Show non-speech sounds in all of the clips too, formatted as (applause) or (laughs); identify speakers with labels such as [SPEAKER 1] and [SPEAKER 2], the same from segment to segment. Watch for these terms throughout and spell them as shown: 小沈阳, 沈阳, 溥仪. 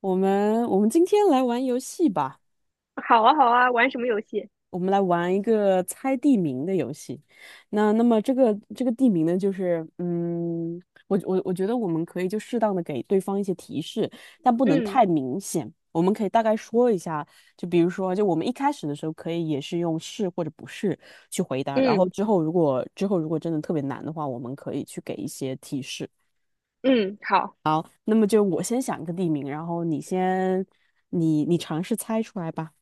[SPEAKER 1] 我们今天来玩游戏吧，
[SPEAKER 2] 好啊，好啊，玩什么游戏？
[SPEAKER 1] 我们来玩一个猜地名的游戏。那么这个地名呢，就是我觉得我们可以就适当的给对方一些提示，但不能
[SPEAKER 2] 嗯
[SPEAKER 1] 太明显。我们可以大概说一下，就比如说，就我们一开始的时候可以也是用是或者不是去回答，然后
[SPEAKER 2] 嗯
[SPEAKER 1] 之后如果真的特别难的话，我们可以去给一些提示。
[SPEAKER 2] 嗯，好，
[SPEAKER 1] 那么就我先想一个地名，然后你先你你尝试猜出来吧。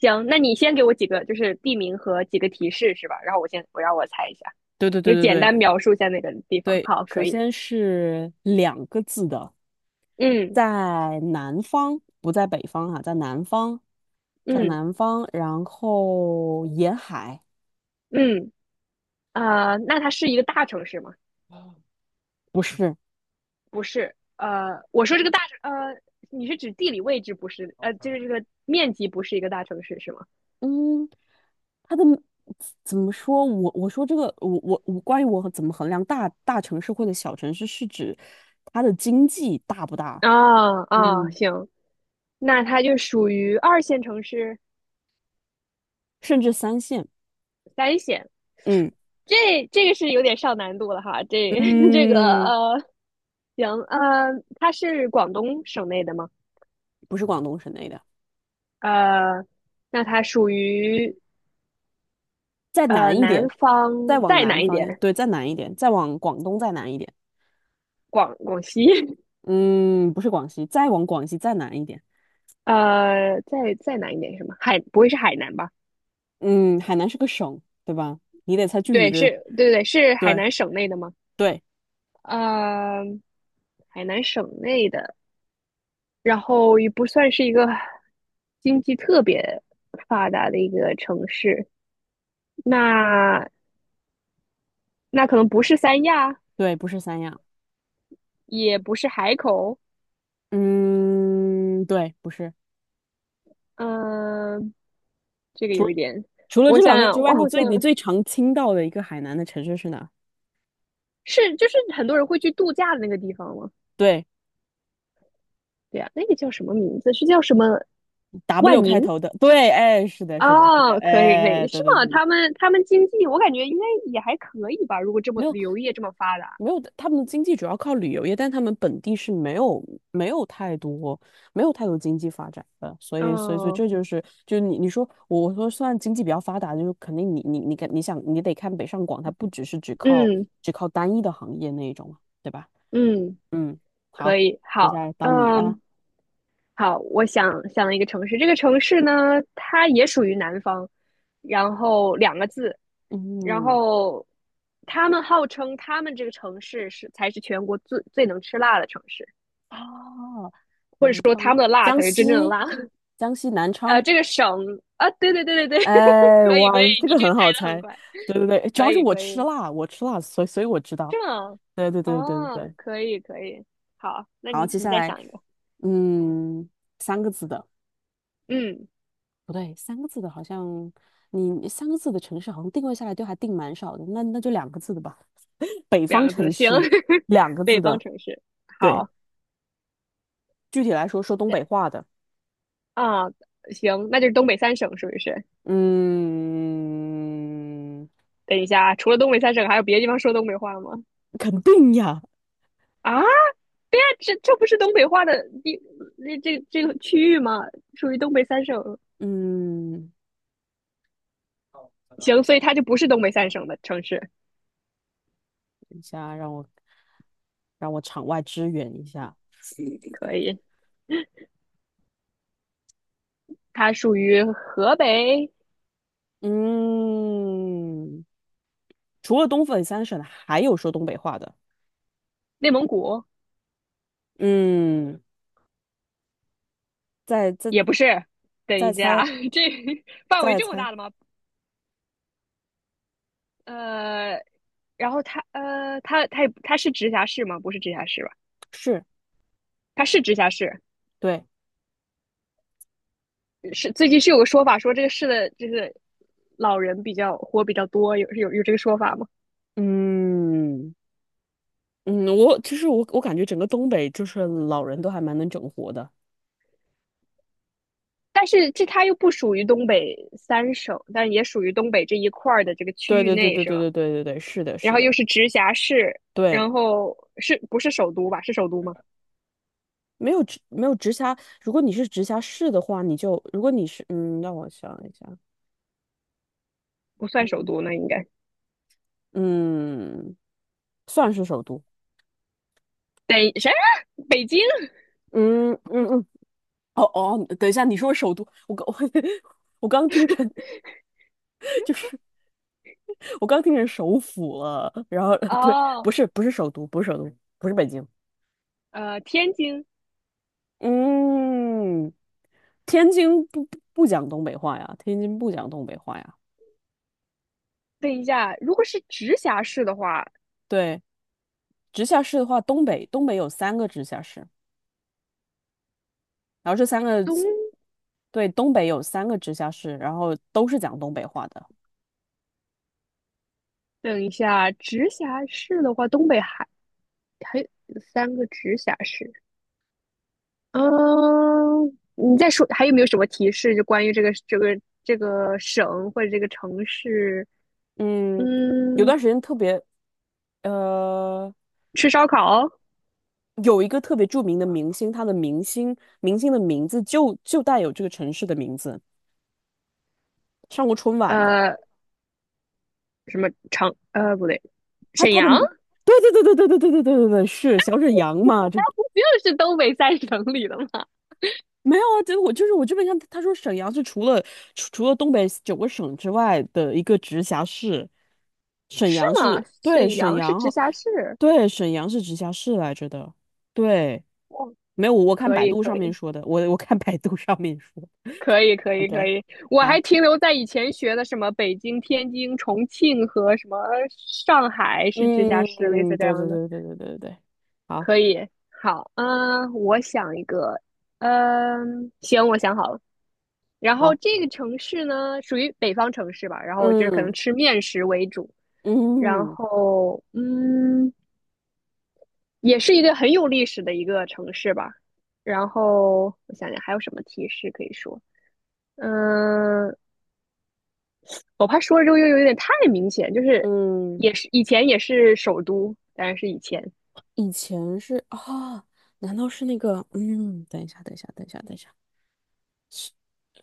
[SPEAKER 2] 行，那你先给我几个就是地名和几个提示是吧？然后我让我猜一下，
[SPEAKER 1] 对对
[SPEAKER 2] 你就
[SPEAKER 1] 对对
[SPEAKER 2] 简
[SPEAKER 1] 对
[SPEAKER 2] 单描述一下那个地方。
[SPEAKER 1] 对，
[SPEAKER 2] 好，
[SPEAKER 1] 首
[SPEAKER 2] 可以。
[SPEAKER 1] 先是两个字的。
[SPEAKER 2] 嗯
[SPEAKER 1] 在南方，不在北方哈，在南方，在
[SPEAKER 2] 嗯
[SPEAKER 1] 南方，然后沿海。
[SPEAKER 2] 嗯，那它是一个大城市吗？
[SPEAKER 1] 不是。
[SPEAKER 2] 不是。我说这个大城，你是指地理位置不是？就是这个面积不是一个大城市是吗？
[SPEAKER 1] 嗯，它的怎么说？我说这个，我关于我怎么衡量大城市或者小城市，是指它的经济大不大？
[SPEAKER 2] 啊啊，
[SPEAKER 1] 嗯，
[SPEAKER 2] 行，那它就属于二线城市、
[SPEAKER 1] 甚至三线。
[SPEAKER 2] 三线。
[SPEAKER 1] 嗯
[SPEAKER 2] 这个是有点上难度了哈，这 (laughs) 这个
[SPEAKER 1] 嗯，
[SPEAKER 2] 行它是广东省内的吗？
[SPEAKER 1] 不是广东省内的。
[SPEAKER 2] 呃，那它属于
[SPEAKER 1] 再南一
[SPEAKER 2] 南
[SPEAKER 1] 点。
[SPEAKER 2] 方
[SPEAKER 1] 再往
[SPEAKER 2] 再
[SPEAKER 1] 南
[SPEAKER 2] 南一
[SPEAKER 1] 方，
[SPEAKER 2] 点，
[SPEAKER 1] 对，再南一点，再往广东再南一点。
[SPEAKER 2] 广西，
[SPEAKER 1] 嗯，不是广西，再往广西再南一点。
[SPEAKER 2] (laughs) 再南一点是什么？海不会是海南吧？
[SPEAKER 1] 嗯，海南是个省，对吧？你得猜具体
[SPEAKER 2] 对，
[SPEAKER 1] 的。
[SPEAKER 2] 是，对对对，是海
[SPEAKER 1] 对，
[SPEAKER 2] 南省内的吗？
[SPEAKER 1] 对，
[SPEAKER 2] 呃，海南省内的，然后也不算是一个经济特别发达的一个城市。那那可能不是三亚，
[SPEAKER 1] 对，不是三亚。
[SPEAKER 2] 也不是海口，
[SPEAKER 1] 嗯，对，不是。
[SPEAKER 2] 嗯，这个
[SPEAKER 1] 除
[SPEAKER 2] 有一点，
[SPEAKER 1] 除了
[SPEAKER 2] 我
[SPEAKER 1] 这
[SPEAKER 2] 想
[SPEAKER 1] 两个之
[SPEAKER 2] 想，
[SPEAKER 1] 外，
[SPEAKER 2] 我
[SPEAKER 1] 你
[SPEAKER 2] 好像
[SPEAKER 1] 最你最常听到的一个海南的城市是哪？
[SPEAKER 2] 是就是很多人会去度假的那个地方吗？
[SPEAKER 1] 对
[SPEAKER 2] 对呀，那个叫什么名字？是叫什么
[SPEAKER 1] ，W
[SPEAKER 2] 万
[SPEAKER 1] 开
[SPEAKER 2] 宁？
[SPEAKER 1] 头的。对，哎，是的，是的，是的，
[SPEAKER 2] 哦，可以可
[SPEAKER 1] 哎，
[SPEAKER 2] 以，
[SPEAKER 1] 对
[SPEAKER 2] 是
[SPEAKER 1] 对
[SPEAKER 2] 吗？
[SPEAKER 1] 对。
[SPEAKER 2] 他们经济，我感觉应该也还可以吧，如果这么
[SPEAKER 1] 没有
[SPEAKER 2] 旅游业这么发达，
[SPEAKER 1] 没有，他们的经济主要靠旅游业，但他们本地是没有太多没有太多经济发展的。所以这
[SPEAKER 2] 嗯
[SPEAKER 1] 就是就你说我说算经济比较发达，就是肯定你得看北上广，它不只是只靠
[SPEAKER 2] 嗯
[SPEAKER 1] 只靠单一的行业那一种嘛，对吧？
[SPEAKER 2] 嗯，
[SPEAKER 1] 嗯，
[SPEAKER 2] 可
[SPEAKER 1] 好，
[SPEAKER 2] 以，
[SPEAKER 1] 接下
[SPEAKER 2] 好，
[SPEAKER 1] 来到你了。
[SPEAKER 2] 嗯，好，我想了一个城市，这个城市呢，它也属于南方，然后两个字，然
[SPEAKER 1] 嗯，
[SPEAKER 2] 后他们号称他们这个城市才是全国最能吃辣的城市，
[SPEAKER 1] 啊，
[SPEAKER 2] 或者
[SPEAKER 1] 南
[SPEAKER 2] 说他
[SPEAKER 1] 方。
[SPEAKER 2] 们的辣
[SPEAKER 1] 江
[SPEAKER 2] 才是真正的
[SPEAKER 1] 西。
[SPEAKER 2] 辣。(laughs)
[SPEAKER 1] 江西南昌。
[SPEAKER 2] 这个省啊，对对对对对，(laughs)
[SPEAKER 1] 哎，
[SPEAKER 2] 可以
[SPEAKER 1] 哇，
[SPEAKER 2] 可以，你
[SPEAKER 1] 这个
[SPEAKER 2] 这个
[SPEAKER 1] 很
[SPEAKER 2] 猜
[SPEAKER 1] 好
[SPEAKER 2] 的很
[SPEAKER 1] 猜。
[SPEAKER 2] 快，
[SPEAKER 1] 对对对，主
[SPEAKER 2] 可
[SPEAKER 1] 要是
[SPEAKER 2] 以
[SPEAKER 1] 我
[SPEAKER 2] 可
[SPEAKER 1] 吃
[SPEAKER 2] 以，
[SPEAKER 1] 辣，我吃辣，所以我知道。
[SPEAKER 2] 这样
[SPEAKER 1] 对对对对对
[SPEAKER 2] 哦，
[SPEAKER 1] 对。
[SPEAKER 2] 可以可以，好，那
[SPEAKER 1] 好，
[SPEAKER 2] 你
[SPEAKER 1] 接
[SPEAKER 2] 你
[SPEAKER 1] 下
[SPEAKER 2] 再
[SPEAKER 1] 来，
[SPEAKER 2] 想一个，
[SPEAKER 1] 嗯，三个字的，
[SPEAKER 2] 嗯，
[SPEAKER 1] 不对，三个字的好像你三个字的城市好像定位下来都还定蛮少的，那就两个字的吧。北
[SPEAKER 2] 两
[SPEAKER 1] 方
[SPEAKER 2] 个字，
[SPEAKER 1] 城
[SPEAKER 2] 行，
[SPEAKER 1] 市。
[SPEAKER 2] (laughs)
[SPEAKER 1] 两个字
[SPEAKER 2] 北方
[SPEAKER 1] 的。
[SPEAKER 2] 城市，
[SPEAKER 1] 对。
[SPEAKER 2] 好。
[SPEAKER 1] 具体来说，说东北话的。
[SPEAKER 2] 啊，行，那就是东北三省是不是？
[SPEAKER 1] 嗯，
[SPEAKER 2] 等一下啊，除了东北三省，还有别的地方说东北话吗？
[SPEAKER 1] 肯定呀。
[SPEAKER 2] 啊，这不是东北话的地，那这个区域吗？属于东北三省。
[SPEAKER 1] 嗯，
[SPEAKER 2] 行，所以它就不是东北三省的城市，
[SPEAKER 1] 等一下让我场外支援一下。
[SPEAKER 2] 可以，它属于河北、
[SPEAKER 1] 嗯，除了东北三省，还有说东北话的。
[SPEAKER 2] 内蒙古，
[SPEAKER 1] 嗯，再再
[SPEAKER 2] 也不是。等
[SPEAKER 1] 再
[SPEAKER 2] 一下啊，
[SPEAKER 1] 猜，
[SPEAKER 2] (laughs) 这范围
[SPEAKER 1] 再
[SPEAKER 2] 这么
[SPEAKER 1] 猜。
[SPEAKER 2] 大的吗？呃，然后它是直辖市吗？不是直辖市吧？
[SPEAKER 1] 是。
[SPEAKER 2] 它是直辖市。
[SPEAKER 1] 对。
[SPEAKER 2] 是最近有个说法说这个市的就是老人比较活比较多，有这个说法吗？
[SPEAKER 1] 嗯嗯，我其实我我感觉整个东北就是老人都还蛮能整活的。
[SPEAKER 2] 但是它又不属于东北三省，但也属于东北这一块儿的这个区
[SPEAKER 1] 对
[SPEAKER 2] 域
[SPEAKER 1] 对对
[SPEAKER 2] 内
[SPEAKER 1] 对
[SPEAKER 2] 是
[SPEAKER 1] 对
[SPEAKER 2] 吧？
[SPEAKER 1] 对对对对，是的，
[SPEAKER 2] 然
[SPEAKER 1] 是
[SPEAKER 2] 后又
[SPEAKER 1] 的，
[SPEAKER 2] 是直辖市，
[SPEAKER 1] 对。
[SPEAKER 2] 然后是不是首都吧？是首都吗？
[SPEAKER 1] 没有直辖，如果你是直辖市的话，你就如果你是让我想一下。
[SPEAKER 2] 不算首
[SPEAKER 1] 嗯
[SPEAKER 2] 都那应该
[SPEAKER 1] 嗯，算是首都。
[SPEAKER 2] 北啥？北京
[SPEAKER 1] 嗯嗯嗯哦哦，等一下，你说首都，我刚 (laughs) 我刚听成
[SPEAKER 2] (laughs)
[SPEAKER 1] 就是我刚听成首府了，然后对。不
[SPEAKER 2] 哦，
[SPEAKER 1] 是不是首都，不是首都，不是北京。
[SPEAKER 2] 天津。
[SPEAKER 1] 嗯，天津不讲东北话呀，天津不讲东北话呀。
[SPEAKER 2] 等一下，如果是直辖市的话，
[SPEAKER 1] 对，直辖市的话，东北有三个直辖市，然后这三个
[SPEAKER 2] 东
[SPEAKER 1] 对，东北有三个直辖市，然后都是讲东北话的。
[SPEAKER 2] 等一下，直辖市的话，东北还有三个直辖市，嗯，你再说还有没有什么提示？就关于这个省或者这个城市？
[SPEAKER 1] 嗯，有
[SPEAKER 2] 嗯，
[SPEAKER 1] 段时间特别呃。
[SPEAKER 2] 吃烧烤？
[SPEAKER 1] 有一个特别著名的明星，明星的名字就带有这个城市的名字，上过春晚的。
[SPEAKER 2] 呃，什么长？不对，
[SPEAKER 1] 他
[SPEAKER 2] 沈
[SPEAKER 1] 他的，
[SPEAKER 2] 阳？
[SPEAKER 1] 对对对对对对对对对对对，是小沈阳
[SPEAKER 2] (laughs) 不
[SPEAKER 1] 嘛？这
[SPEAKER 2] 就是东北三省里的吗？
[SPEAKER 1] 没有啊，这我就是我这边看，他说沈阳是除了东北九个省之外的一个直辖市。
[SPEAKER 2] (laughs)
[SPEAKER 1] 沈
[SPEAKER 2] 是
[SPEAKER 1] 阳
[SPEAKER 2] 吗？
[SPEAKER 1] 是对，
[SPEAKER 2] 沈
[SPEAKER 1] 沈
[SPEAKER 2] 阳是
[SPEAKER 1] 阳，
[SPEAKER 2] 直
[SPEAKER 1] 好。
[SPEAKER 2] 辖市。
[SPEAKER 1] 对，沈阳是直辖市来着的，对。
[SPEAKER 2] 哦，
[SPEAKER 1] 没有，我看
[SPEAKER 2] 可
[SPEAKER 1] 百
[SPEAKER 2] 以，
[SPEAKER 1] 度
[SPEAKER 2] 可
[SPEAKER 1] 上面
[SPEAKER 2] 以，
[SPEAKER 1] 说的，我看百度上面说
[SPEAKER 2] 可以，可以，可
[SPEAKER 1] ，OK。
[SPEAKER 2] 以。我还
[SPEAKER 1] 好。
[SPEAKER 2] 停留在以前学的什么北京、天津、重庆和什么上海是直
[SPEAKER 1] 嗯
[SPEAKER 2] 辖市，类
[SPEAKER 1] 嗯，
[SPEAKER 2] 似这
[SPEAKER 1] 对
[SPEAKER 2] 样
[SPEAKER 1] 对
[SPEAKER 2] 的。
[SPEAKER 1] 对对对对对，好，
[SPEAKER 2] 可以，好，嗯，我想一个，嗯，行，我想好了。然后
[SPEAKER 1] 好，
[SPEAKER 2] 这个城市呢，属于北方城市吧，然后就是可能
[SPEAKER 1] 嗯
[SPEAKER 2] 吃面食为主，然
[SPEAKER 1] 嗯
[SPEAKER 2] 后也是一个很有历史的一个城市吧。然后我想想还有什么提示可以说，嗯，我怕说了之后又有点太明显，就是
[SPEAKER 1] 嗯。
[SPEAKER 2] 也是以前也是首都，当然是以前，
[SPEAKER 1] 以前是啊。难道是那个？嗯，等一下，等一下，等一下，等一下，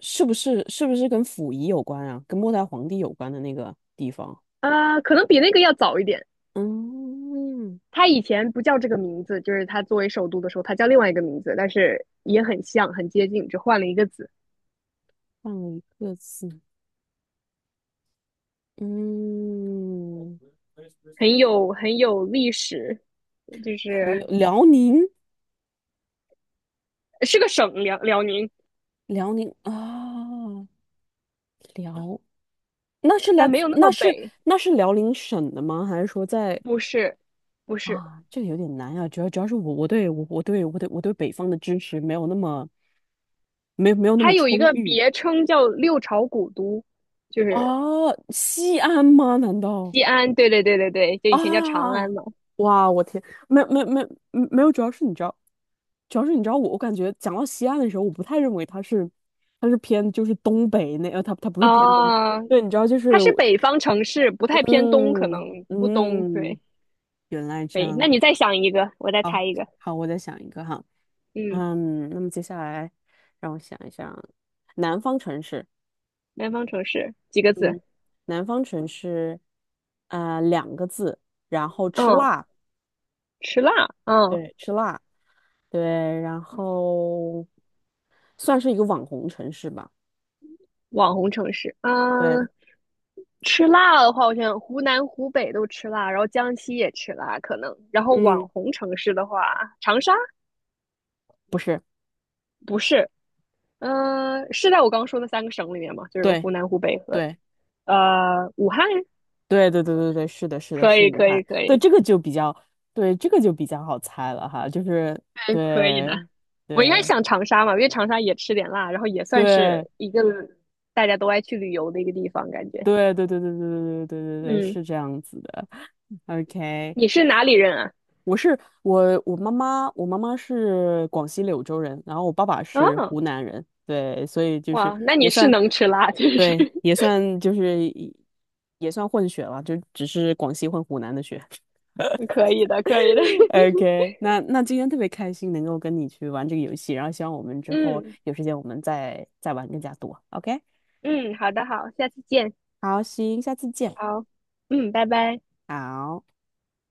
[SPEAKER 1] 是不是跟溥仪有关啊？跟末代皇帝有关的那个地方？
[SPEAKER 2] 啊，可能比那个要早一点。
[SPEAKER 1] 嗯，
[SPEAKER 2] 它以前不叫这个名字，就是它作为首都的时候，它叫另外一个名字，但是也很像，很接近，只换了一个字，
[SPEAKER 1] 换了一个字。嗯，
[SPEAKER 2] 很有历史，就
[SPEAKER 1] 很
[SPEAKER 2] 是
[SPEAKER 1] 有辽宁。
[SPEAKER 2] 是个省辽宁，
[SPEAKER 1] 辽宁啊。辽。那是来
[SPEAKER 2] 但没
[SPEAKER 1] 自
[SPEAKER 2] 有那么
[SPEAKER 1] 那是
[SPEAKER 2] 北，
[SPEAKER 1] 那是辽宁省的吗？还是说在？
[SPEAKER 2] 不是，不是，
[SPEAKER 1] 啊，这个有点难啊，主要是我对北方的知识没有那么没有那
[SPEAKER 2] 它
[SPEAKER 1] 么
[SPEAKER 2] 有一
[SPEAKER 1] 充
[SPEAKER 2] 个
[SPEAKER 1] 裕。
[SPEAKER 2] 别称叫六朝古都，就
[SPEAKER 1] 啊，
[SPEAKER 2] 是
[SPEAKER 1] 西安吗？难道
[SPEAKER 2] 西安，对对对对对，就以前叫长
[SPEAKER 1] 啊？
[SPEAKER 2] 安嘛，
[SPEAKER 1] 哇，我天。没没没没有。主要是你知道我感觉讲到西安的时候，我不太认为它是偏就是东北那它不是偏东北。
[SPEAKER 2] 啊，
[SPEAKER 1] 对，你知道就
[SPEAKER 2] 它
[SPEAKER 1] 是
[SPEAKER 2] 是
[SPEAKER 1] 我。
[SPEAKER 2] 北方城市，不太偏东，可
[SPEAKER 1] 嗯
[SPEAKER 2] 能不东，
[SPEAKER 1] 嗯，
[SPEAKER 2] 对，
[SPEAKER 1] 原来这
[SPEAKER 2] 北，那
[SPEAKER 1] 样。
[SPEAKER 2] 你再想一个，我再猜
[SPEAKER 1] 好
[SPEAKER 2] 一个，
[SPEAKER 1] 好，我再想一个哈。
[SPEAKER 2] 嗯，
[SPEAKER 1] 嗯，那么接下来让我想一想。南方城市。
[SPEAKER 2] 南方城市几个字？
[SPEAKER 1] 嗯，南方城市，两个字，然后吃
[SPEAKER 2] 嗯，
[SPEAKER 1] 辣。
[SPEAKER 2] 吃辣，嗯，
[SPEAKER 1] 对，吃辣。对，然后算是一个网红城市吧。
[SPEAKER 2] 网红城市，
[SPEAKER 1] 对。
[SPEAKER 2] 嗯，吃辣的话，我想湖南、湖北都吃辣，然后江西也吃辣，可能。然后网
[SPEAKER 1] 嗯，
[SPEAKER 2] 红城市的话，长沙
[SPEAKER 1] 不是。
[SPEAKER 2] 不是，嗯，是在我刚说的三个省里面吗？就是
[SPEAKER 1] 对，
[SPEAKER 2] 湖南、湖北和
[SPEAKER 1] 对，
[SPEAKER 2] 武汉，
[SPEAKER 1] 对，对，对，对，对，是的，是的，
[SPEAKER 2] 可
[SPEAKER 1] 是
[SPEAKER 2] 以，
[SPEAKER 1] 武
[SPEAKER 2] 可
[SPEAKER 1] 汉。
[SPEAKER 2] 以，可
[SPEAKER 1] 对，
[SPEAKER 2] 以，
[SPEAKER 1] 这个就比较，对，这个就比较好猜了哈。就是
[SPEAKER 2] 对，可以的。
[SPEAKER 1] 对，
[SPEAKER 2] 我应该
[SPEAKER 1] 对，
[SPEAKER 2] 想长沙嘛，因为长沙也吃点辣，然后也算
[SPEAKER 1] 对，
[SPEAKER 2] 是一个大家都爱去旅游的一个地方，感觉。
[SPEAKER 1] 对，对，对，对，对，对，对，对，对，对，
[SPEAKER 2] 嗯，
[SPEAKER 1] 是这样子的。OK，
[SPEAKER 2] 你是哪里人啊？
[SPEAKER 1] 我是我妈妈，我妈妈是广西柳州人，然后我爸爸是
[SPEAKER 2] 哦，
[SPEAKER 1] 湖南人。对，所以就是
[SPEAKER 2] 哇，那
[SPEAKER 1] 也
[SPEAKER 2] 你是
[SPEAKER 1] 算。
[SPEAKER 2] 能吃辣，就
[SPEAKER 1] 对，
[SPEAKER 2] 是。
[SPEAKER 1] 也算混血了，就只是广西混湖南的血。
[SPEAKER 2] 可以的，可以的。
[SPEAKER 1] (laughs)
[SPEAKER 2] (laughs)
[SPEAKER 1] OK，那今天特别开心能够跟你去玩这个游戏，然后希望我们之后
[SPEAKER 2] 嗯
[SPEAKER 1] 有时间我们再玩更加多。OK，
[SPEAKER 2] 嗯，好的，好，下次见。
[SPEAKER 1] 好，行，下次见，
[SPEAKER 2] 好，嗯，拜拜。
[SPEAKER 1] 好。